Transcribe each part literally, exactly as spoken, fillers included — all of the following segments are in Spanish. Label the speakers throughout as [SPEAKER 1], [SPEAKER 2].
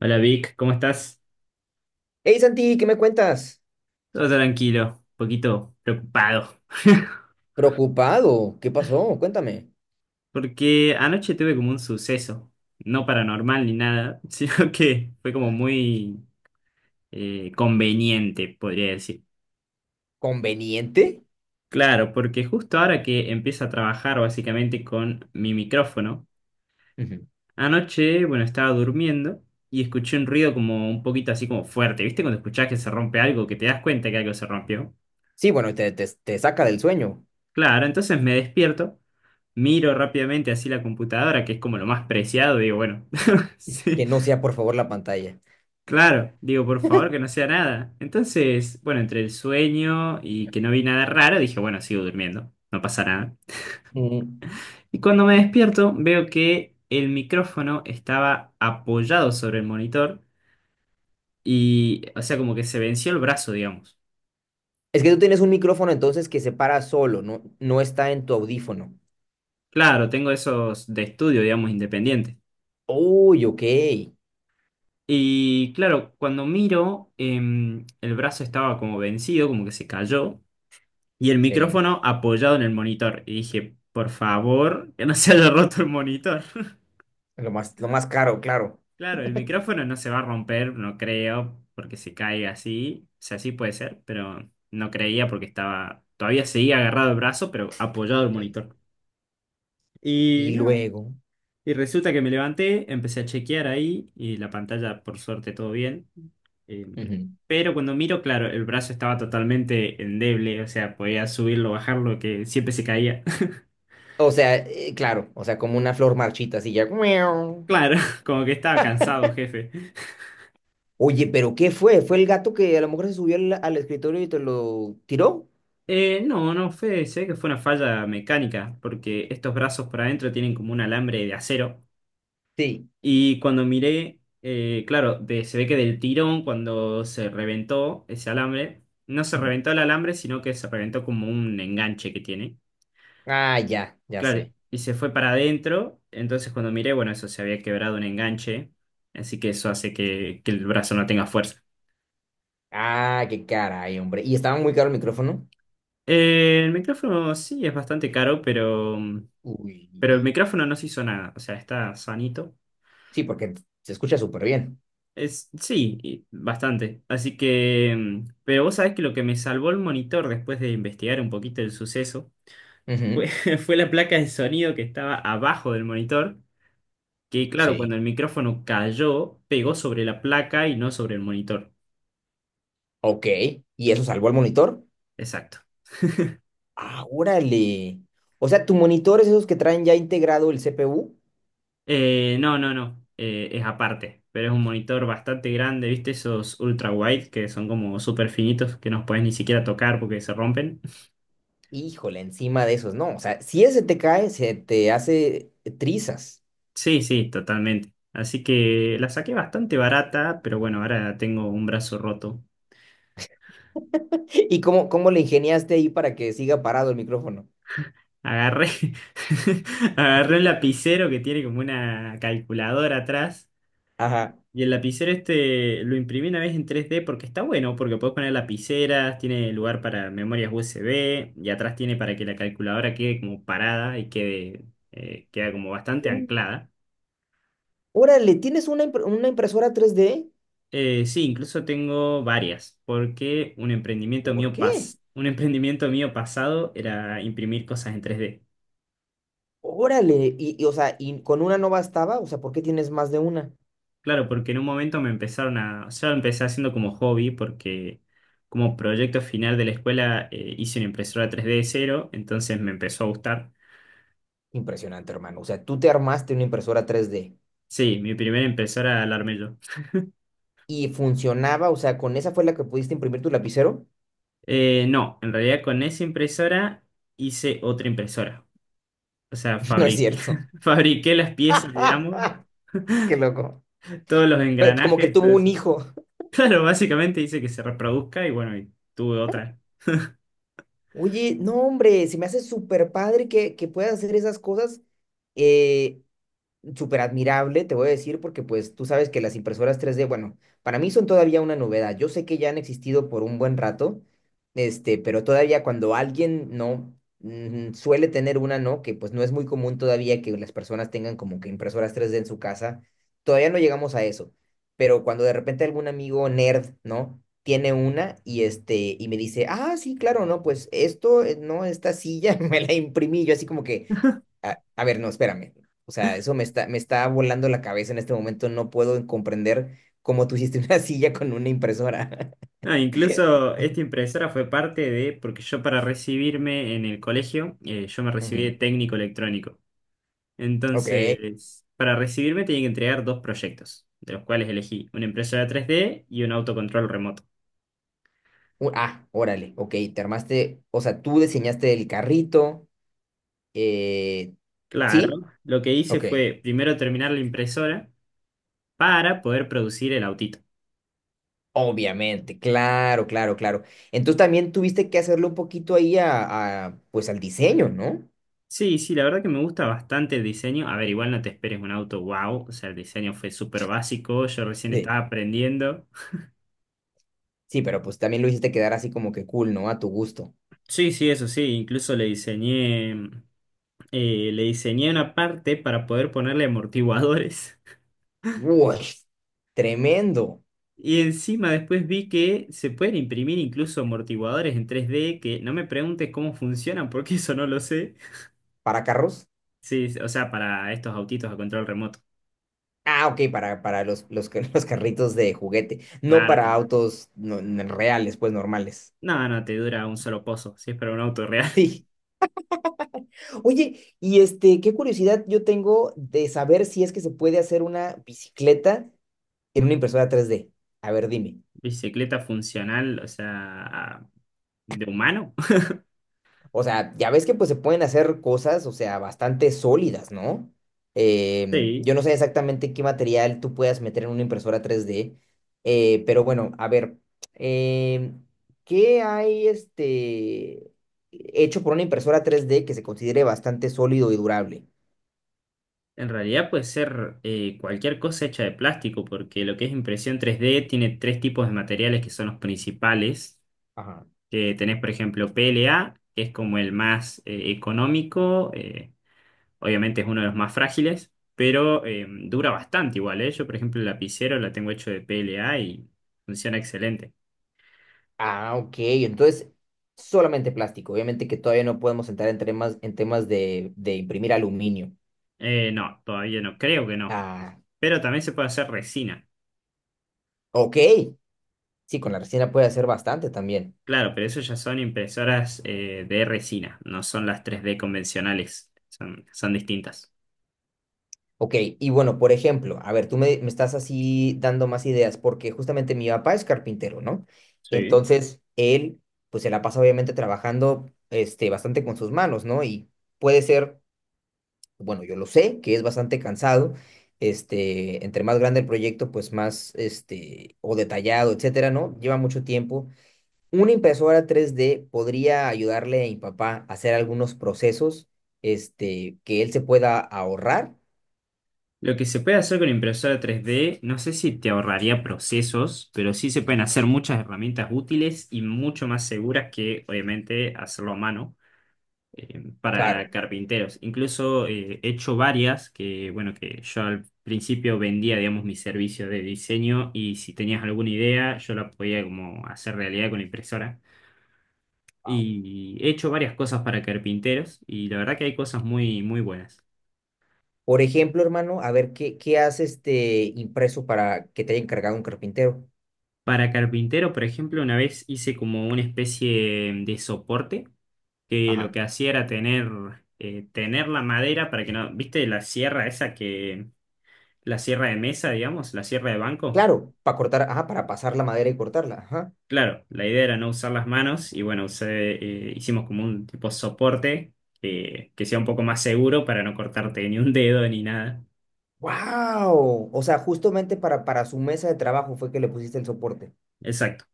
[SPEAKER 1] Hola Vic, ¿cómo estás?
[SPEAKER 2] Hey Santi, ¿qué me cuentas?
[SPEAKER 1] Todo tranquilo, un poquito preocupado.
[SPEAKER 2] Preocupado, ¿qué pasó? Cuéntame.
[SPEAKER 1] Porque anoche tuve como un suceso, no paranormal ni nada, sino que fue como
[SPEAKER 2] Ah.
[SPEAKER 1] muy eh, conveniente, podría decir.
[SPEAKER 2] ¿Conveniente?
[SPEAKER 1] Claro, porque justo ahora que empiezo a trabajar básicamente con mi micrófono,
[SPEAKER 2] Ujú.
[SPEAKER 1] anoche, bueno, estaba durmiendo y escuché un ruido como un poquito así como fuerte. ¿Viste cuando escuchás que se rompe algo, que te das cuenta que algo se rompió?
[SPEAKER 2] Sí, bueno, te, te, te saca del sueño.
[SPEAKER 1] Claro, entonces me despierto, miro rápidamente así la computadora, que es como lo más preciado, digo, bueno, sí,
[SPEAKER 2] Que no sea, por favor, la pantalla.
[SPEAKER 1] claro, digo, por favor que no sea nada. Entonces, bueno, entre el sueño y que no vi nada raro, dije, bueno, sigo durmiendo, no pasa nada.
[SPEAKER 2] Mm.
[SPEAKER 1] Y cuando me despierto, veo que el micrófono estaba apoyado sobre el monitor y, o sea, como que se venció el brazo, digamos.
[SPEAKER 2] Es que tú tienes un micrófono entonces que se para solo, no, no está en tu audífono.
[SPEAKER 1] Claro, tengo esos de estudio, digamos, independientes.
[SPEAKER 2] Uy, ok.
[SPEAKER 1] Y claro, cuando miro, em, el brazo estaba como vencido, como que se cayó, y el
[SPEAKER 2] Sí,
[SPEAKER 1] micrófono apoyado en el monitor. Y dije, por favor, que no se haya roto el monitor.
[SPEAKER 2] lo más, lo más caro, claro.
[SPEAKER 1] Claro, el micrófono no se va a romper, no creo, porque se cae así. O sea, sí puede ser, pero no creía porque estaba, todavía seguía agarrado el brazo, pero apoyado el
[SPEAKER 2] Sí.
[SPEAKER 1] monitor. Y
[SPEAKER 2] Y
[SPEAKER 1] nada,
[SPEAKER 2] luego.
[SPEAKER 1] y resulta que me levanté, empecé a chequear ahí y la pantalla, por suerte, todo bien. Eh,
[SPEAKER 2] Ujú.
[SPEAKER 1] pero cuando miro, claro, el brazo estaba totalmente endeble, o sea, podía subirlo, bajarlo, que siempre se caía.
[SPEAKER 2] O sea, eh, claro, o sea, como una flor marchita, así ya. Miau.
[SPEAKER 1] Claro, como que estaba cansado, jefe.
[SPEAKER 2] Oye, pero ¿qué fue? ¿Fue el gato que a lo mejor se subió al, al escritorio y te lo tiró?
[SPEAKER 1] Eh, no, no, fue, sé que fue una falla mecánica, porque estos brazos por adentro tienen como un alambre de acero.
[SPEAKER 2] Sí.
[SPEAKER 1] Y cuando miré, eh, claro, de- se ve que del tirón, cuando se reventó ese alambre, no se
[SPEAKER 2] Ujú.
[SPEAKER 1] reventó el alambre, sino que se reventó como un enganche que tiene.
[SPEAKER 2] Ah, ya, ya
[SPEAKER 1] Claro,
[SPEAKER 2] sé.
[SPEAKER 1] y se fue para adentro. Entonces cuando miré, bueno, eso se había quebrado un enganche. Así que eso hace que, que el brazo no tenga fuerza.
[SPEAKER 2] Ah, qué caray, hombre. ¿Y estaba muy caro el micrófono?
[SPEAKER 1] Eh, el micrófono sí es bastante caro, pero, pero el
[SPEAKER 2] Uy.
[SPEAKER 1] micrófono no se hizo nada. O sea, está sanito.
[SPEAKER 2] Sí, porque se escucha súper bien.
[SPEAKER 1] Es, sí, y bastante. Así que, mm, pero vos sabés que lo que me salvó el monitor después de investigar un poquito el suceso fue,
[SPEAKER 2] Ujú.
[SPEAKER 1] fue la placa de sonido que estaba abajo del monitor, que claro, cuando
[SPEAKER 2] Sí.
[SPEAKER 1] el micrófono cayó, pegó sobre la placa y no sobre el monitor.
[SPEAKER 2] Ok. ¿Y eso salvó el monitor?
[SPEAKER 1] Exacto.
[SPEAKER 2] Ah, órale. O sea, tu monitor es esos que traen ya integrado el C P U.
[SPEAKER 1] Eh, no, no, no, eh, es aparte, pero es un monitor bastante grande, ¿viste? Esos ultra wide que son como súper finitos que no puedes ni siquiera tocar porque se rompen.
[SPEAKER 2] Híjole, encima de esos, no. O sea, si ese te cae, se te hace trizas.
[SPEAKER 1] Sí, sí, totalmente. Así que la saqué bastante barata, pero bueno, ahora tengo un brazo roto.
[SPEAKER 2] ¿Y cómo, cómo le ingeniaste ahí para que siga parado el micrófono?
[SPEAKER 1] Agarré, agarré un lapicero que tiene como una calculadora atrás.
[SPEAKER 2] Ajá.
[SPEAKER 1] Y el lapicero este lo imprimí una vez en tres D porque está bueno, porque puedes poner lapiceras, tiene lugar para memorias U S B y atrás tiene para que la calculadora quede como parada y quede, eh, queda como bastante
[SPEAKER 2] Mm.
[SPEAKER 1] anclada.
[SPEAKER 2] Órale, ¿tienes una, impre- una impresora tres d?
[SPEAKER 1] Eh, sí, incluso tengo varias, porque un emprendimiento
[SPEAKER 2] ¿Por
[SPEAKER 1] mío
[SPEAKER 2] qué?
[SPEAKER 1] pas- un emprendimiento mío pasado era imprimir cosas en tres D.
[SPEAKER 2] Órale, y, y, o sea, y con una no bastaba, o sea, ¿por qué tienes más de una?
[SPEAKER 1] Claro, porque en un momento me empezaron a, yo empecé haciendo como hobby, porque como proyecto final de la escuela eh, hice una impresora tres D de cero, entonces me empezó a gustar.
[SPEAKER 2] Impresionante, hermano. O sea, tú te armaste una impresora tres d
[SPEAKER 1] Sí, mi primera impresora la armé yo.
[SPEAKER 2] y funcionaba, o sea, con esa fue la que pudiste imprimir tu lapicero.
[SPEAKER 1] Eh, no, en realidad con esa impresora hice otra impresora. O sea,
[SPEAKER 2] No es
[SPEAKER 1] fabriqué,
[SPEAKER 2] cierto.
[SPEAKER 1] fabriqué las piezas, digamos,
[SPEAKER 2] Qué loco.
[SPEAKER 1] todos los
[SPEAKER 2] Pe- Como que
[SPEAKER 1] engranajes,
[SPEAKER 2] tuvo
[SPEAKER 1] todo
[SPEAKER 2] un
[SPEAKER 1] eso.
[SPEAKER 2] hijo.
[SPEAKER 1] Claro, básicamente dice que se reproduzca y bueno, y tuve otra.
[SPEAKER 2] Oye, no, hombre, se me hace súper padre que, que puedas hacer esas cosas. eh, súper admirable, te voy a decir, porque pues tú sabes que las impresoras tres d, bueno, para mí son todavía una novedad. Yo sé que ya han existido por un buen rato, este, pero todavía cuando alguien no mm, suele tener una, ¿no? Que pues no es muy común todavía que las personas tengan como que impresoras tres d en su casa, todavía no llegamos a eso. Pero cuando de repente algún amigo nerd, ¿no?, tiene una y este y me dice: "Ah, sí, claro, no, pues esto, eh, no, esta silla me la imprimí yo, así como que a, a ver, no, espérame". O sea, eso me está, me está volando la cabeza en este momento. No puedo comprender cómo tú hiciste una silla con una impresora.
[SPEAKER 1] No, incluso esta impresora fue parte de, porque yo para recibirme en el colegio, eh, yo me recibí de
[SPEAKER 2] Ujú.
[SPEAKER 1] técnico electrónico.
[SPEAKER 2] Ok.
[SPEAKER 1] Entonces, para recibirme tenía que entregar dos proyectos, de los cuales elegí una impresora tres d y un autocontrol remoto.
[SPEAKER 2] U- Ah, órale. Ok, te armaste. O sea, tú diseñaste el carrito. eh, ¿sí?
[SPEAKER 1] Claro, lo que hice
[SPEAKER 2] Ok.
[SPEAKER 1] fue primero terminar la impresora para poder producir el autito.
[SPEAKER 2] Obviamente, claro, claro, claro. Entonces también tuviste que hacerlo un poquito ahí a, a, pues al diseño, ¿no?
[SPEAKER 1] Sí, sí, la verdad que me gusta bastante el diseño. A ver, igual no te esperes un auto wow, o sea, el diseño fue súper básico, yo recién
[SPEAKER 2] Sí.
[SPEAKER 1] estaba aprendiendo.
[SPEAKER 2] Sí, pero pues también lo hiciste quedar así como que cool, ¿no? A tu gusto.
[SPEAKER 1] Sí, sí, eso sí, incluso le diseñé, eh, le diseñé una parte para poder ponerle amortiguadores.
[SPEAKER 2] Uy, tremendo.
[SPEAKER 1] Y encima después vi que se pueden imprimir incluso amortiguadores en tres D, que no me preguntes cómo funcionan, porque eso no lo sé.
[SPEAKER 2] ¿Para carros?
[SPEAKER 1] Sí, o sea, para estos autitos a control remoto.
[SPEAKER 2] Ah, ok, para, para los, los, ca- los carritos de juguete, no
[SPEAKER 1] Claro,
[SPEAKER 2] para
[SPEAKER 1] claro.
[SPEAKER 2] autos no- n- reales, pues normales.
[SPEAKER 1] No, no, te dura un solo pozo, si es para un auto real.
[SPEAKER 2] Sí. Oye, y este, qué curiosidad yo tengo de saber si es que se puede hacer una bicicleta en una impresora tres d. A ver, dime.
[SPEAKER 1] Bicicleta funcional, o sea, de humano.
[SPEAKER 2] O sea, ya ves que pues se pueden hacer cosas, o sea, bastante sólidas, ¿no? Eh,
[SPEAKER 1] Sí,
[SPEAKER 2] yo no sé exactamente qué material tú puedas meter en una impresora tres d, eh, pero bueno, a ver, eh, ¿qué hay este hecho por una impresora tres d que se considere bastante sólido y durable?
[SPEAKER 1] en realidad puede ser eh, cualquier cosa hecha de plástico, porque lo que es impresión tres d tiene tres tipos de materiales que son los principales.
[SPEAKER 2] Ajá.
[SPEAKER 1] Que tenés, por ejemplo, P L A, que es como el más eh, económico, eh, obviamente es uno de los más frágiles, pero eh, dura bastante igual, ¿eh? Yo, por ejemplo, el lapicero la tengo hecho de P L A y funciona excelente.
[SPEAKER 2] Ah, ok, entonces solamente plástico. Obviamente que todavía no podemos entrar en temas, en temas de, de imprimir aluminio.
[SPEAKER 1] Eh, no, todavía no, creo que no.
[SPEAKER 2] Ah,
[SPEAKER 1] Pero también se puede hacer resina.
[SPEAKER 2] ok, sí, con la resina puede hacer bastante también.
[SPEAKER 1] Claro, pero eso ya son impresoras eh, de resina, no son las tres D convencionales, son, son distintas.
[SPEAKER 2] Ok, y bueno, por ejemplo, a ver, tú me, me estás así dando más ideas, porque justamente mi papá es carpintero, ¿no?
[SPEAKER 1] Sí.
[SPEAKER 2] Entonces, él, pues se la pasa obviamente trabajando, este, bastante con sus manos, ¿no? Y puede ser, bueno, yo lo sé, que es bastante cansado, este, entre más grande el proyecto, pues más, este, o detallado, etcétera, ¿no? Lleva mucho tiempo. Una impresora tres d podría ayudarle a mi papá a hacer algunos procesos, este, que él se pueda ahorrar.
[SPEAKER 1] Lo que se puede hacer con impresora tres D, no sé si te ahorraría procesos, pero sí se pueden hacer muchas herramientas útiles y mucho más seguras que, obviamente, hacerlo a mano eh, para
[SPEAKER 2] Claro.
[SPEAKER 1] carpinteros. Incluso eh, he hecho varias que, bueno, que yo al principio vendía, digamos, mi servicio de diseño y si tenías alguna idea, yo la podía como hacer realidad con la impresora.
[SPEAKER 2] Wow.
[SPEAKER 1] Y he hecho varias cosas para carpinteros y la verdad que hay cosas muy, muy buenas.
[SPEAKER 2] Por ejemplo, hermano, a ver, ¿qué, qué has este impreso para que te haya encargado un carpintero?
[SPEAKER 1] Para carpintero, por ejemplo, una vez hice como una especie de soporte que lo
[SPEAKER 2] Ajá.
[SPEAKER 1] que hacía era tener, eh, tener la madera para que no, ¿viste la sierra esa que, la sierra de mesa, digamos, la sierra de banco?
[SPEAKER 2] Claro, para cortar, ajá, para pasar la madera y cortarla. Ajá.
[SPEAKER 1] Claro, la idea era no usar las manos y bueno, usé, eh, hicimos como un tipo soporte que que sea un poco más seguro para no cortarte ni un dedo ni nada.
[SPEAKER 2] ¡Wow! O sea, justamente para, para su mesa de trabajo fue que le pusiste el soporte.
[SPEAKER 1] Exacto.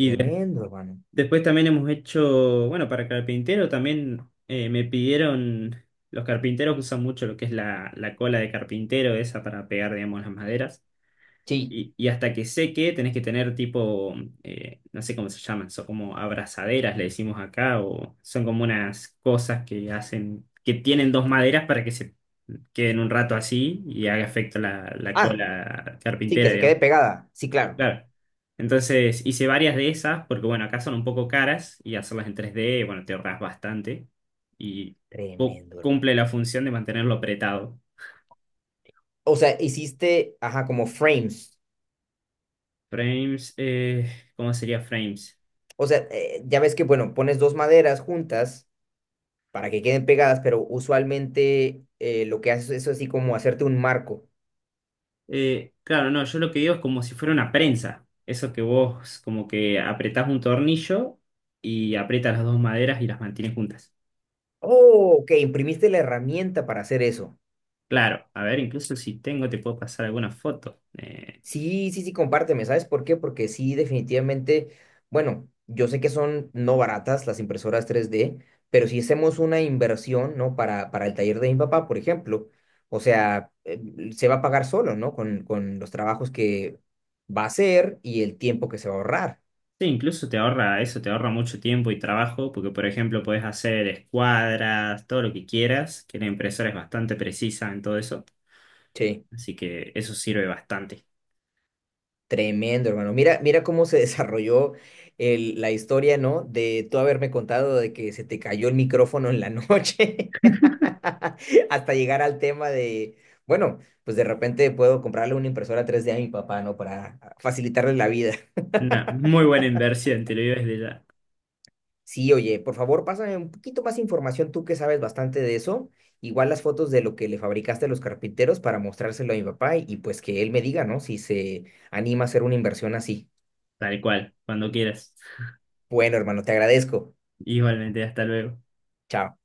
[SPEAKER 2] Tremendo, hermano.
[SPEAKER 1] Después también hemos hecho, bueno, para carpintero también eh, me pidieron, los carpinteros usan mucho lo que es la, la cola de carpintero, esa para pegar, digamos, las maderas.
[SPEAKER 2] Sí.
[SPEAKER 1] Y, y hasta que seque tenés que tener tipo, eh, no sé cómo se llaman, son como abrazaderas, le decimos acá, o son como unas cosas que hacen, que tienen dos maderas para que se queden un rato así y haga efecto la, la
[SPEAKER 2] Ah,
[SPEAKER 1] cola
[SPEAKER 2] sí, que
[SPEAKER 1] carpintera,
[SPEAKER 2] se quede
[SPEAKER 1] digamos.
[SPEAKER 2] pegada. Sí, claro.
[SPEAKER 1] Claro. Entonces hice varias de esas, porque bueno, acá son un poco caras y hacerlas en tres d bueno, te ahorras bastante y cu-
[SPEAKER 2] Tremendo, hermano.
[SPEAKER 1] cumple la función de mantenerlo apretado.
[SPEAKER 2] O sea, hiciste, ajá, como frames.
[SPEAKER 1] Frames, eh, ¿cómo sería frames?
[SPEAKER 2] O sea, eh, ya ves que, bueno, pones dos maderas juntas para que queden pegadas, pero usualmente eh, lo que haces es así como hacerte un marco.
[SPEAKER 1] Eh, claro, no, yo lo que digo es como si fuera una prensa. Eso que vos como que apretás un tornillo y aprietas las dos maderas y las mantienes juntas.
[SPEAKER 2] Oh, ok, imprimiste la herramienta para hacer eso.
[SPEAKER 1] Claro, a ver, incluso si tengo, te puedo pasar alguna foto. Eh,
[SPEAKER 2] Sí, sí, sí, compárteme. ¿Sabes por qué? Porque sí, definitivamente, bueno, yo sé que son no baratas las impresoras tres d, pero si hacemos una inversión, ¿no? Para, para el taller de mi papá, por ejemplo, o sea, eh, se va a pagar solo, ¿no? Con, con los trabajos que va a hacer y el tiempo que se va a ahorrar.
[SPEAKER 1] Sí, incluso te ahorra eso, te ahorra mucho tiempo y trabajo, porque por ejemplo podés hacer escuadras, todo lo que quieras, que la impresora es bastante precisa en todo eso,
[SPEAKER 2] Sí.
[SPEAKER 1] así que eso sirve bastante.
[SPEAKER 2] Tremendo, hermano. Mira, mira cómo se desarrolló el- la historia, ¿no? De tú haberme contado de que se te cayó el micrófono en la noche, hasta llegar al tema de, bueno, pues de repente puedo comprarle una impresora tres d a mi papá, ¿no? Para facilitarle la vida.
[SPEAKER 1] Una muy buena inversión, te lo digo desde ya,
[SPEAKER 2] Sí, oye, por favor, pásame un poquito más información, tú que sabes bastante de eso. Igual las fotos de lo que le fabricaste a los carpinteros para mostrárselo a mi papá y, y pues que él me diga, ¿no? Si se anima a hacer una inversión así.
[SPEAKER 1] tal cual, cuando quieras.
[SPEAKER 2] Bueno, hermano, te agradezco.
[SPEAKER 1] Igualmente, hasta luego.
[SPEAKER 2] Chao.